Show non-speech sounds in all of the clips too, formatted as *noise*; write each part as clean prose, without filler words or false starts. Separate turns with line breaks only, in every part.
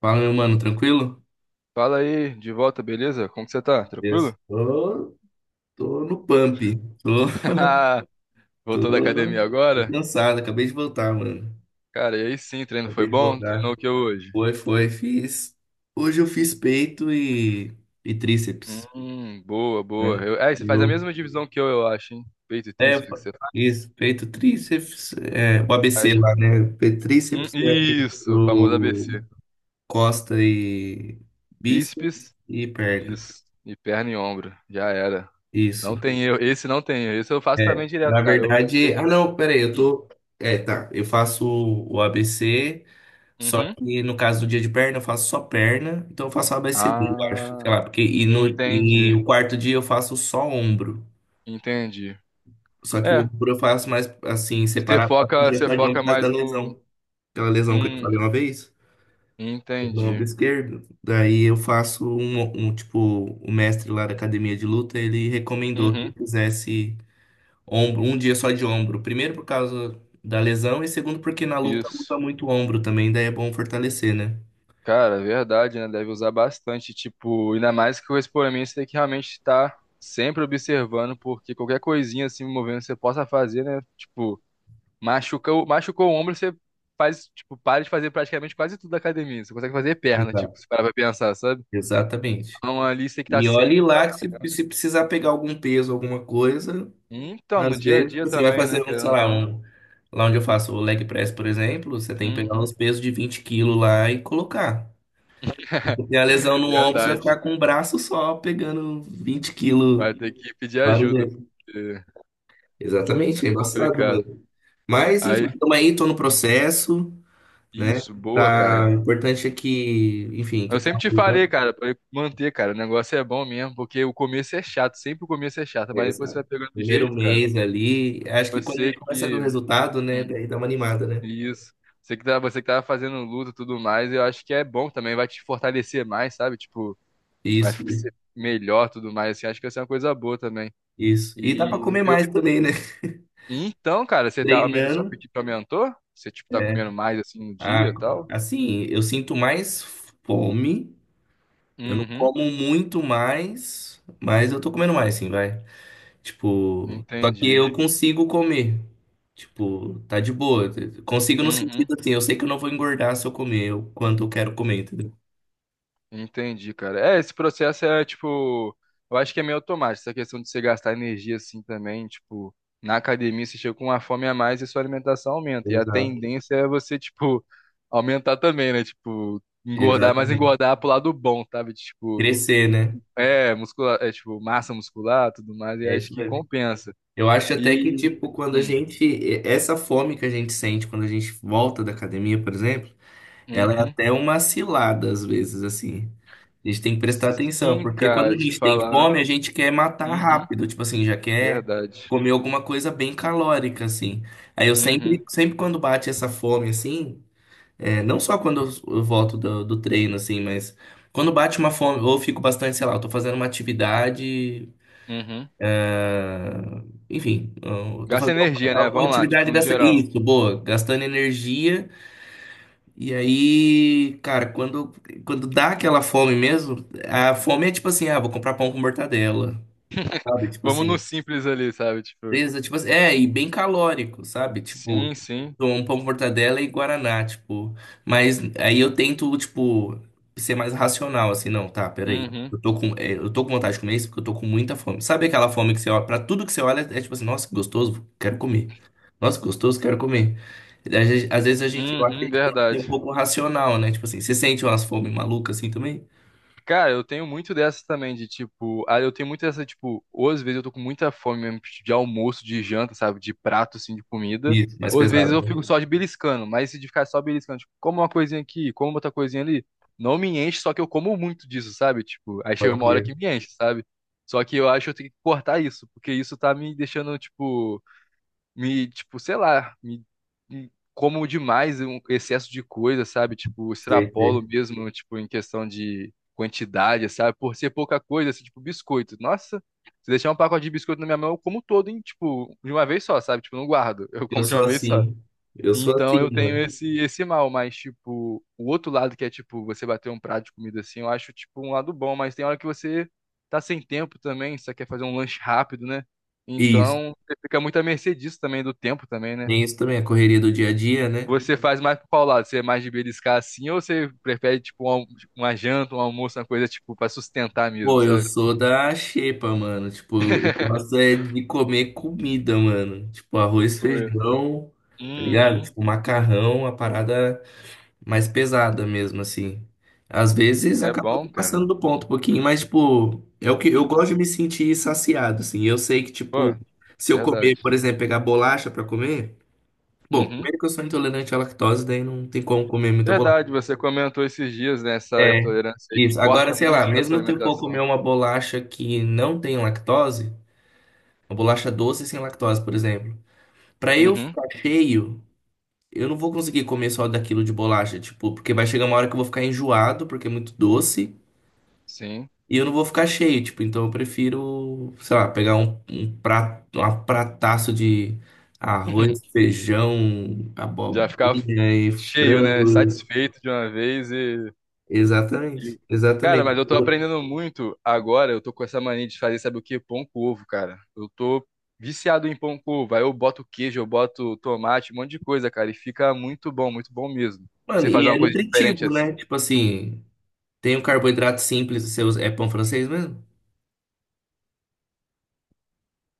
Fala, meu mano, tranquilo?
Fala aí, de volta, beleza? Como que você tá? Tranquilo?
Estou, tô no pump. Tô,
*laughs* Haha,
tô,
voltou da academia
tô
agora?
cansado, acabei de voltar, mano.
Cara, e aí sim, treino foi
Acabei de
bom? Treinou o
voltar.
que hoje?
Fiz. Hoje eu fiz peito e tríceps,
Boa, boa.
né?
Você faz a
Eu,
mesma divisão que eu acho, hein? Peito e
é, eu
tríceps que
fa-
você faz.
Isso, peito, tríceps, é, o ABC
Aí.
lá, né? Peito, tríceps, é,
Isso, famoso
o
ABC.
costa e bíceps
Bíceps,
e perna.
isso. E perna e ombro. Já era.
Isso.
Não tem erro. Esse não tem erro. Esse eu faço também direto,
Na
cara. Eu
verdade, ah
peguei.
não, peraí, eu
Hum.
tô. É, tá. Eu faço o ABC, só
Uhum.
que no caso do dia de perna, eu faço só perna, então eu faço o ABCD, eu acho. Sei
Ah,
lá, porque e, no, e
entendi.
o quarto dia eu faço só ombro.
Entendi.
Só que o
É.
ombro eu faço mais assim,
Você
separado, faço um
foca,
dia
você
só de ombro
foca
por causa da
mais no.
lesão. Aquela lesão que eu te
Hum,
falei uma vez, no
entendi.
ombro esquerdo. Daí eu faço um tipo, o mestre lá da academia de luta, ele recomendou que eu
Uhum.
fizesse. Ombro, um dia só de ombro. Primeiro por causa da lesão e segundo porque na luta luta
Isso.
muito ombro também, daí é bom fortalecer, né?
Cara, é verdade, né? Deve usar bastante. Tipo, ainda mais que o expoente tem que realmente estar sempre observando, porque qualquer coisinha assim movendo você possa fazer, né? Tipo, machucou o ombro, você faz, tipo, para de fazer praticamente quase tudo da academia. Você consegue fazer perna,
Exato.
tipo, se parar pra pensar, sabe?
Exatamente.
Então ali você tem que estar
E olhe
sempre.
lá que se precisar pegar algum peso, alguma coisa,
Então, no
às
dia a
vezes
dia
você vai
também, né?
fazer
Querendo ou não.
lá onde eu faço o leg press, por exemplo, você tem que pegar
Uhum.
uns pesos de 20 quilos lá e colocar.
*laughs*
Se tem a lesão no ombro, você vai
Verdade.
ficar com o braço só pegando 20 quilos
Vai ter que pedir
várias
ajuda,
vezes.
porque é
Exatamente, é embaçado,
complicado.
mano. Mas, enfim,
Aí,
estamos aí, tô no processo, né?
isso, boa,
Tá, o
cara.
importante é que, enfim,
Eu
que tá
sempre te falei,
rolando.
cara, pra manter, cara. O negócio é bom mesmo, porque o começo é chato, sempre o começo é chato, mas
É,
depois você
sabe?
vai pegando o
Primeiro
jeito, cara.
mês ali, acho que quando a
Você
gente começa a ver o
que.
resultado, né,
Hum,
daí dá uma animada, né?
isso. Você que tava fazendo luta e tudo mais, eu acho que é bom também, vai te fortalecer mais, sabe? Tipo, vai
Isso,
ficar ser melhor tudo mais, assim, acho que vai ser uma coisa boa também.
isso. E dá pra
E
comer mais
eu.
também, né? *laughs*
Então, cara, você tá. Seu
Treinando.
apetite aumentou? Você, tipo, tá
É.
comendo mais assim no dia
Ah,
e tal?
assim, eu sinto mais fome. Eu não
Uhum,
como muito mais, mas eu tô comendo mais, sim, vai. Tipo, só que
entendi.
eu consigo comer. Tipo, tá de boa. Consigo no
Uhum.
sentido assim, eu sei que eu não vou engordar se eu comer o quanto eu quero comer, entendeu?
Entendi, cara. É, esse processo é tipo, eu acho que é meio automático, essa questão de você gastar energia assim também, tipo, na academia você chega com uma fome a mais e sua alimentação aumenta. E a
Exato.
tendência é você, tipo, aumentar também, né? Tipo, engordar, mas
Exatamente.
engordar pro lado bom, sabe? Tipo,
Crescer, né?
é, muscular, é tipo, massa muscular, tudo mais, e
É
acho
isso
que
mesmo.
compensa.
Eu acho até que,
E
tipo, quando a
hum,
gente. Essa fome que a gente sente quando a gente volta da academia, por exemplo, ela é
uhum.
até uma cilada, às vezes, assim. A gente tem que prestar atenção,
Sim,
porque quando
cara,
a
te
gente tem
falar.
fome, a gente quer matar
Uhum,
rápido, tipo assim, já quer
verdade.
comer alguma coisa bem calórica, assim. Aí eu sempre,
Uhum.
sempre quando bate essa fome, assim. É, não só quando eu volto do treino, assim, mas quando bate uma fome, ou eu fico bastante, sei lá, eu tô fazendo uma atividade,
Uhum.
ah, enfim, eu tô
Gasta
fazendo
energia, né?
alguma
Vamos lá,
atividade
tipo, no
dessa.
geral.
Isso, boa, gastando energia. E aí, cara, quando dá aquela fome mesmo, a fome é tipo assim, ah, vou comprar pão com mortadela, sabe? Tipo
Vamos no
assim.
simples ali, sabe? Tipo,
Beleza, tipo, assim, é, e bem calórico, sabe? Tipo,
sim, sim.
tomo um pão com mortadela e guaraná, tipo. Mas aí eu tento, tipo, ser mais racional, assim, não, tá, peraí.
Uhum.
Eu tô com, é, eu tô com vontade de comer isso porque eu tô com muita fome. Sabe aquela fome que você olha, pra tudo que você olha, é tipo assim, nossa, que gostoso, quero comer. Nossa, que gostoso, quero comer. Às vezes a gente, eu acho que a
Uhum,
gente tem que ser um
verdade.
pouco racional, né? Tipo assim, você sente umas fome malucas assim também?
Cara, eu tenho muito dessa também, de tipo, ah, eu tenho muito dessa, tipo, ou às vezes eu tô com muita fome mesmo tipo, de almoço, de janta, sabe? De prato, assim, de comida.
Isso, mais
Ou às vezes
pesado,
eu
né?
fico só de beliscando, mas se de ficar só beliscando, tipo, como uma coisinha aqui, como outra coisinha ali, não me enche, só que eu como muito disso, sabe? Tipo, aí chega
Pode
uma hora
crer.
que me enche, sabe? Só que eu acho que eu tenho que cortar isso, porque isso tá me deixando, tipo. Me, tipo, sei lá, me como demais um excesso de coisa, sabe? Tipo,
Sei,
extrapolo
sei.
mesmo, tipo, em questão de quantidade, sabe? Por ser pouca coisa, assim, tipo, biscoito. Nossa, se deixar um pacote de biscoito na minha mão, eu como todo, hein? Tipo, de uma vez só, sabe? Tipo, eu não guardo, *laughs* eu
Eu
como de uma
sou
vez só.
assim. Eu sou
Então
assim,
eu tenho
mano.
esse mal, mas tipo, o outro lado que é tipo você bater um prato de comida assim, eu acho tipo um lado bom, mas tem hora que você tá sem tempo também, você quer fazer um lanche rápido, né?
Isso.
Então você fica muito à mercê disso também do tempo também, né?
Tem isso também, a correria do dia a dia, né?
Você faz mais pro qual lado? Você é mais de beliscar assim ou você prefere tipo um uma janta, um almoço, uma coisa tipo pra sustentar mesmo,
Pô, eu
sabe?
sou da xepa, mano. Tipo, eu gosto
*laughs*
é de comer comida, mano. Tipo, arroz,
Pô,
feijão, tá ligado?
uhum.
Tipo, macarrão, a parada mais pesada mesmo, assim. Às vezes
É
acaba
bom, cara.
passando do ponto um pouquinho, mas, tipo, é o que eu gosto de me sentir saciado, assim. Eu sei que, tipo,
Pô,
se eu comer,
verdade.
por exemplo, pegar bolacha pra comer. Bom,
Uhum.
primeiro que eu sou intolerante à lactose, daí não tem como comer muita bolacha.
Verdade, você comentou esses dias nessa
É,
intolerância aí que
isso. Agora,
corta
sei lá,
muito da sua
mesmo se eu for comer
alimentação.
uma bolacha que não tem lactose, uma bolacha doce sem lactose, por exemplo, pra eu
Uhum,
ficar cheio, eu não vou conseguir comer só daquilo de bolacha, tipo, porque vai chegar uma hora que eu vou ficar enjoado, porque é muito doce,
sim.
e eu não vou ficar cheio, tipo, então eu prefiro, sei lá, pegar um prato, uma prataço de arroz,
*laughs*
feijão,
Já ficava
abobrinha e
cheio, né?
frango.
Satisfeito de uma vez e, e-
Exatamente,
cara, mas
exatamente.
eu tô aprendendo muito agora. Eu tô com essa mania de fazer, sabe o quê? Pão com ovo, cara. Eu tô viciado em pão com ovo. Aí eu boto queijo, eu boto tomate, um monte de coisa, cara. E fica muito bom mesmo.
Mano,
Você faz
e é
uma coisa diferente
nutritivo, né?
assim?
Tipo assim, tem um carboidrato simples, você usa... é pão francês mesmo?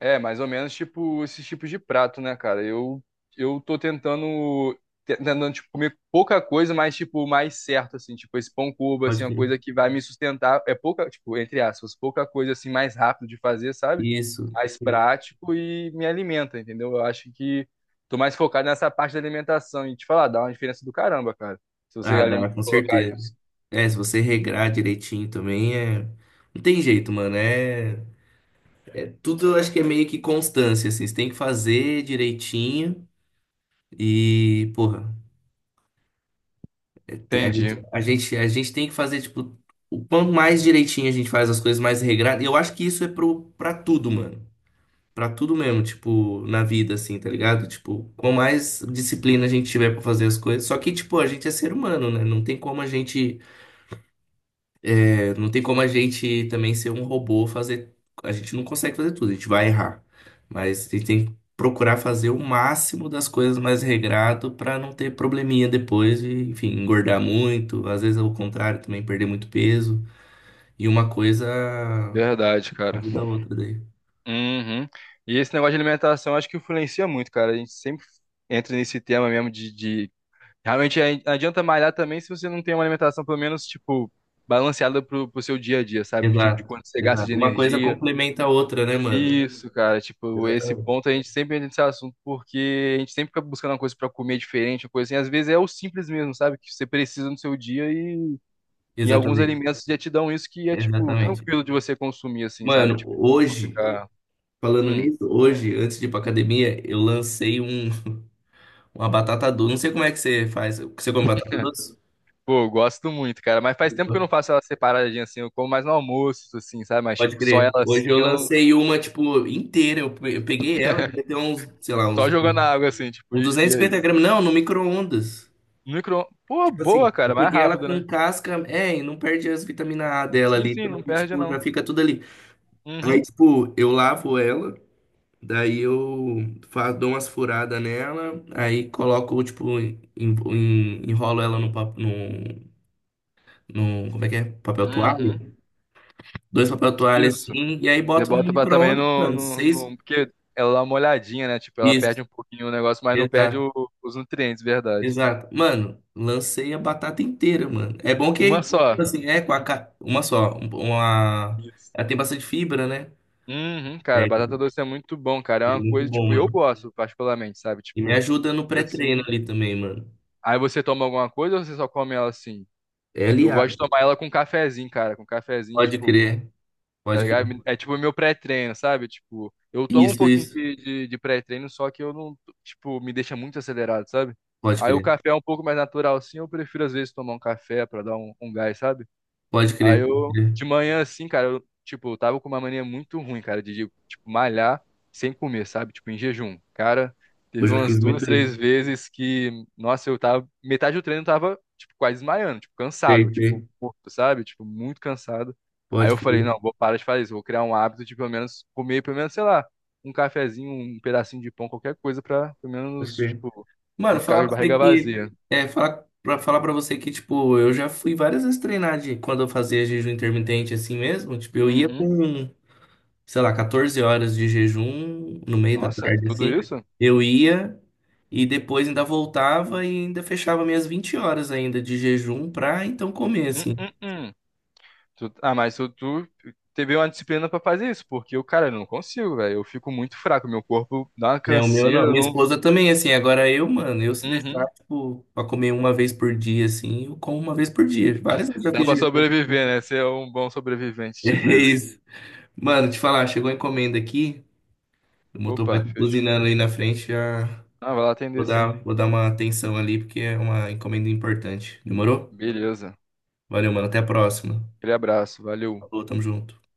É, mais ou menos tipo esses tipos de prato, né, cara? Eu tô tentando tipo comer pouca coisa, mas tipo mais certo assim, tipo esse pão cuba assim,
Pode
é uma
crer.
coisa que vai me sustentar, é pouca, tipo, entre aspas, pouca coisa assim mais rápido de fazer, sabe?
Isso.
Mais prático e me alimenta, entendeu? Eu acho que tô mais focado nessa parte da alimentação e te falar, dá uma diferença do caramba, cara. Se você
Ah, dá, com
colocar
certeza.
isso.
É, se você regrar direitinho também, é... Não tem jeito, mano. É... é tudo eu acho que é meio que constância, assim. Você tem que fazer direitinho e, porra, é te-
Entendi.
a gente tem que fazer, tipo, o quanto mais direitinho a gente faz as coisas, mais regrado. E eu acho que isso é pra tudo, mano. Pra tudo mesmo, tipo, na vida, assim, tá ligado? Tipo, com mais disciplina a gente tiver pra fazer as coisas. Só que, tipo, a gente é ser humano, né? Não tem como a gente, é, não tem como a gente também ser um robô, fazer. A gente não consegue fazer tudo, a gente vai errar. Mas a gente tem que procurar fazer o máximo das coisas mais regrado pra não ter probleminha depois e, enfim, engordar muito. Às vezes, ao contrário, também perder muito peso. E uma coisa
Verdade, cara.
ajuda a outra daí.
Uhum. E esse negócio de alimentação acho que influencia muito, cara. A gente sempre entra nesse tema mesmo de... Realmente não adianta malhar também se você não tem uma alimentação, pelo menos, tipo, balanceada pro seu dia a dia, sabe? Tipo, de
Exato,
quanto você gasta de
exato. Uma coisa
energia.
complementa a outra, né, mano?
Isso, cara. Tipo, esse
Exatamente.
ponto a gente sempre entra nesse assunto porque a gente sempre fica buscando uma coisa pra comer diferente, uma coisa assim. Às vezes é o simples mesmo, sabe? Que você precisa no seu dia e alguns
Exatamente,
alimentos já te dão isso que é, tipo,
exatamente.
tranquilo de você consumir, assim, sabe?
Mano,
Tipo, não
hoje,
ficar.
falando
Hum.
nisso, hoje, antes de ir pra academia, eu lancei uma batata doce. Não sei como é que você faz. Você come batata doce?
Pô, eu gosto muito, cara. Mas faz tempo que eu não faço ela separadinha assim. Eu como mais no almoço, assim, sabe? Mas,
Pode
tipo, só ela
crer.
assim,
Hoje eu
eu não-
lancei uma, tipo, inteira. Eu peguei ela, devia ter uns, sei lá, uns,
só jogando na água, assim, tipo,
uns duzentos e
e é
cinquenta
isso.
gramas. Não, no micro-ondas.
Micro. Pô,
Tipo assim,
boa,
eu
cara. Mais
peguei ela
rápido, né?
com casca. É, e não perde as vitaminas A dela
Sim,
ali
sim,
também.
não perde,
Tipo, já
não.
fica tudo ali. Aí,
Uhum.
tipo, eu lavo ela. Daí eu fa- dou umas furadas nela, aí coloco, tipo, enrolo ela como é que é? Papel
Uhum.
toalha? Dois papel toalha
Isso.
assim, e aí
Você
boto no
bota pra também
micro-ondas,
no,
mano.
no,
Seis.
no- Porque ela dá uma olhadinha, né? Tipo, ela
Isso,
perde um pouquinho o negócio, mas não perde
exato,
os nutrientes, verdade.
exato. Mano, lancei a batata inteira, mano. É bom que,
Uma só.
tipo assim, é com a. Uma só. Uma.
Isso.
Ela tem bastante fibra, né?
Uhum, cara,
É,
batata doce é muito bom, cara. É
é
uma
muito
coisa,
bom,
tipo, eu
mano.
gosto particularmente, sabe?
E me
Tipo,
ajuda no pré-treino
assim.
ali também, mano.
Aí você toma alguma coisa ou você só come ela assim?
É
Eu gosto de
aliado.
tomar ela com cafezinho, cara. Com cafezinho,
Pode
tipo,
crer,
tá
pode crer.
ligado? É tipo o meu pré-treino, sabe? Tipo, eu tomo um
Isso,
pouquinho
isso.
de pré-treino, só que eu não, tipo, me deixa muito acelerado, sabe?
Pode
Aí o
crer,
café é um pouco mais natural, sim. Eu prefiro, às vezes, tomar um café pra dar um, um gás, sabe?
pode
Aí
crer, pode
eu,
crer.
de manhã, assim, cara, eu, tipo, eu tava com uma mania muito ruim, cara, tipo, malhar sem comer, sabe? Tipo, em jejum. Cara,
Eu
teve
já
umas
fiz muito
duas,
isso.
três vezes que, nossa, eu tava, metade do treino eu tava, tipo, quase desmaiando, tipo, cansado,
Sei,
tipo,
sei.
morto, sabe? Tipo, muito cansado. Aí
Pode
eu falei,
crer,
não, vou parar de fazer isso, vou criar um hábito de pelo menos comer, pelo menos, sei lá, um cafezinho, um pedacinho de pão, qualquer coisa pra, pelo
pode
menos,
crer.
tipo,
Mano,
não ficar
falar
de
pra você
barriga
que.
vazia.
É, falar pra você que, tipo, eu já fui várias vezes treinar de, quando eu fazia jejum intermitente assim mesmo. Tipo, eu ia
Uhum.
com, sei lá, 14 horas de jejum no meio da
Nossa,
tarde,
tudo
assim.
isso?
Eu ia e depois ainda voltava e ainda fechava minhas 20 horas ainda de jejum pra então comer,
Hum,
assim.
hum, hum. Mas tu teve uma disciplina pra fazer isso, porque eu, cara, eu não consigo, velho. Eu fico muito fraco, meu corpo dá uma
É, o meu
canseira,
não.
eu
Minha
não.
esposa também, assim. Agora eu, mano, eu se deixar,
Uhum.
tipo, pra comer uma vez por dia, assim, eu como uma vez por dia. Várias vezes eu já
Dá
fiz
pra
jejum.
sobreviver,
*laughs*
né? Você é um bom sobrevivente, tipo
É
isso.
isso. Mano, te falar, chegou a encomenda aqui. O motoboy
Opa,
tá
fechou.
buzinando aí na frente.
Ah, vai lá atender sim.
Vou dar uma atenção ali, porque é uma encomenda importante. Demorou?
Beleza.
Valeu, mano. Até a próxima.
Aquele abraço, valeu.
Falou, tamo junto.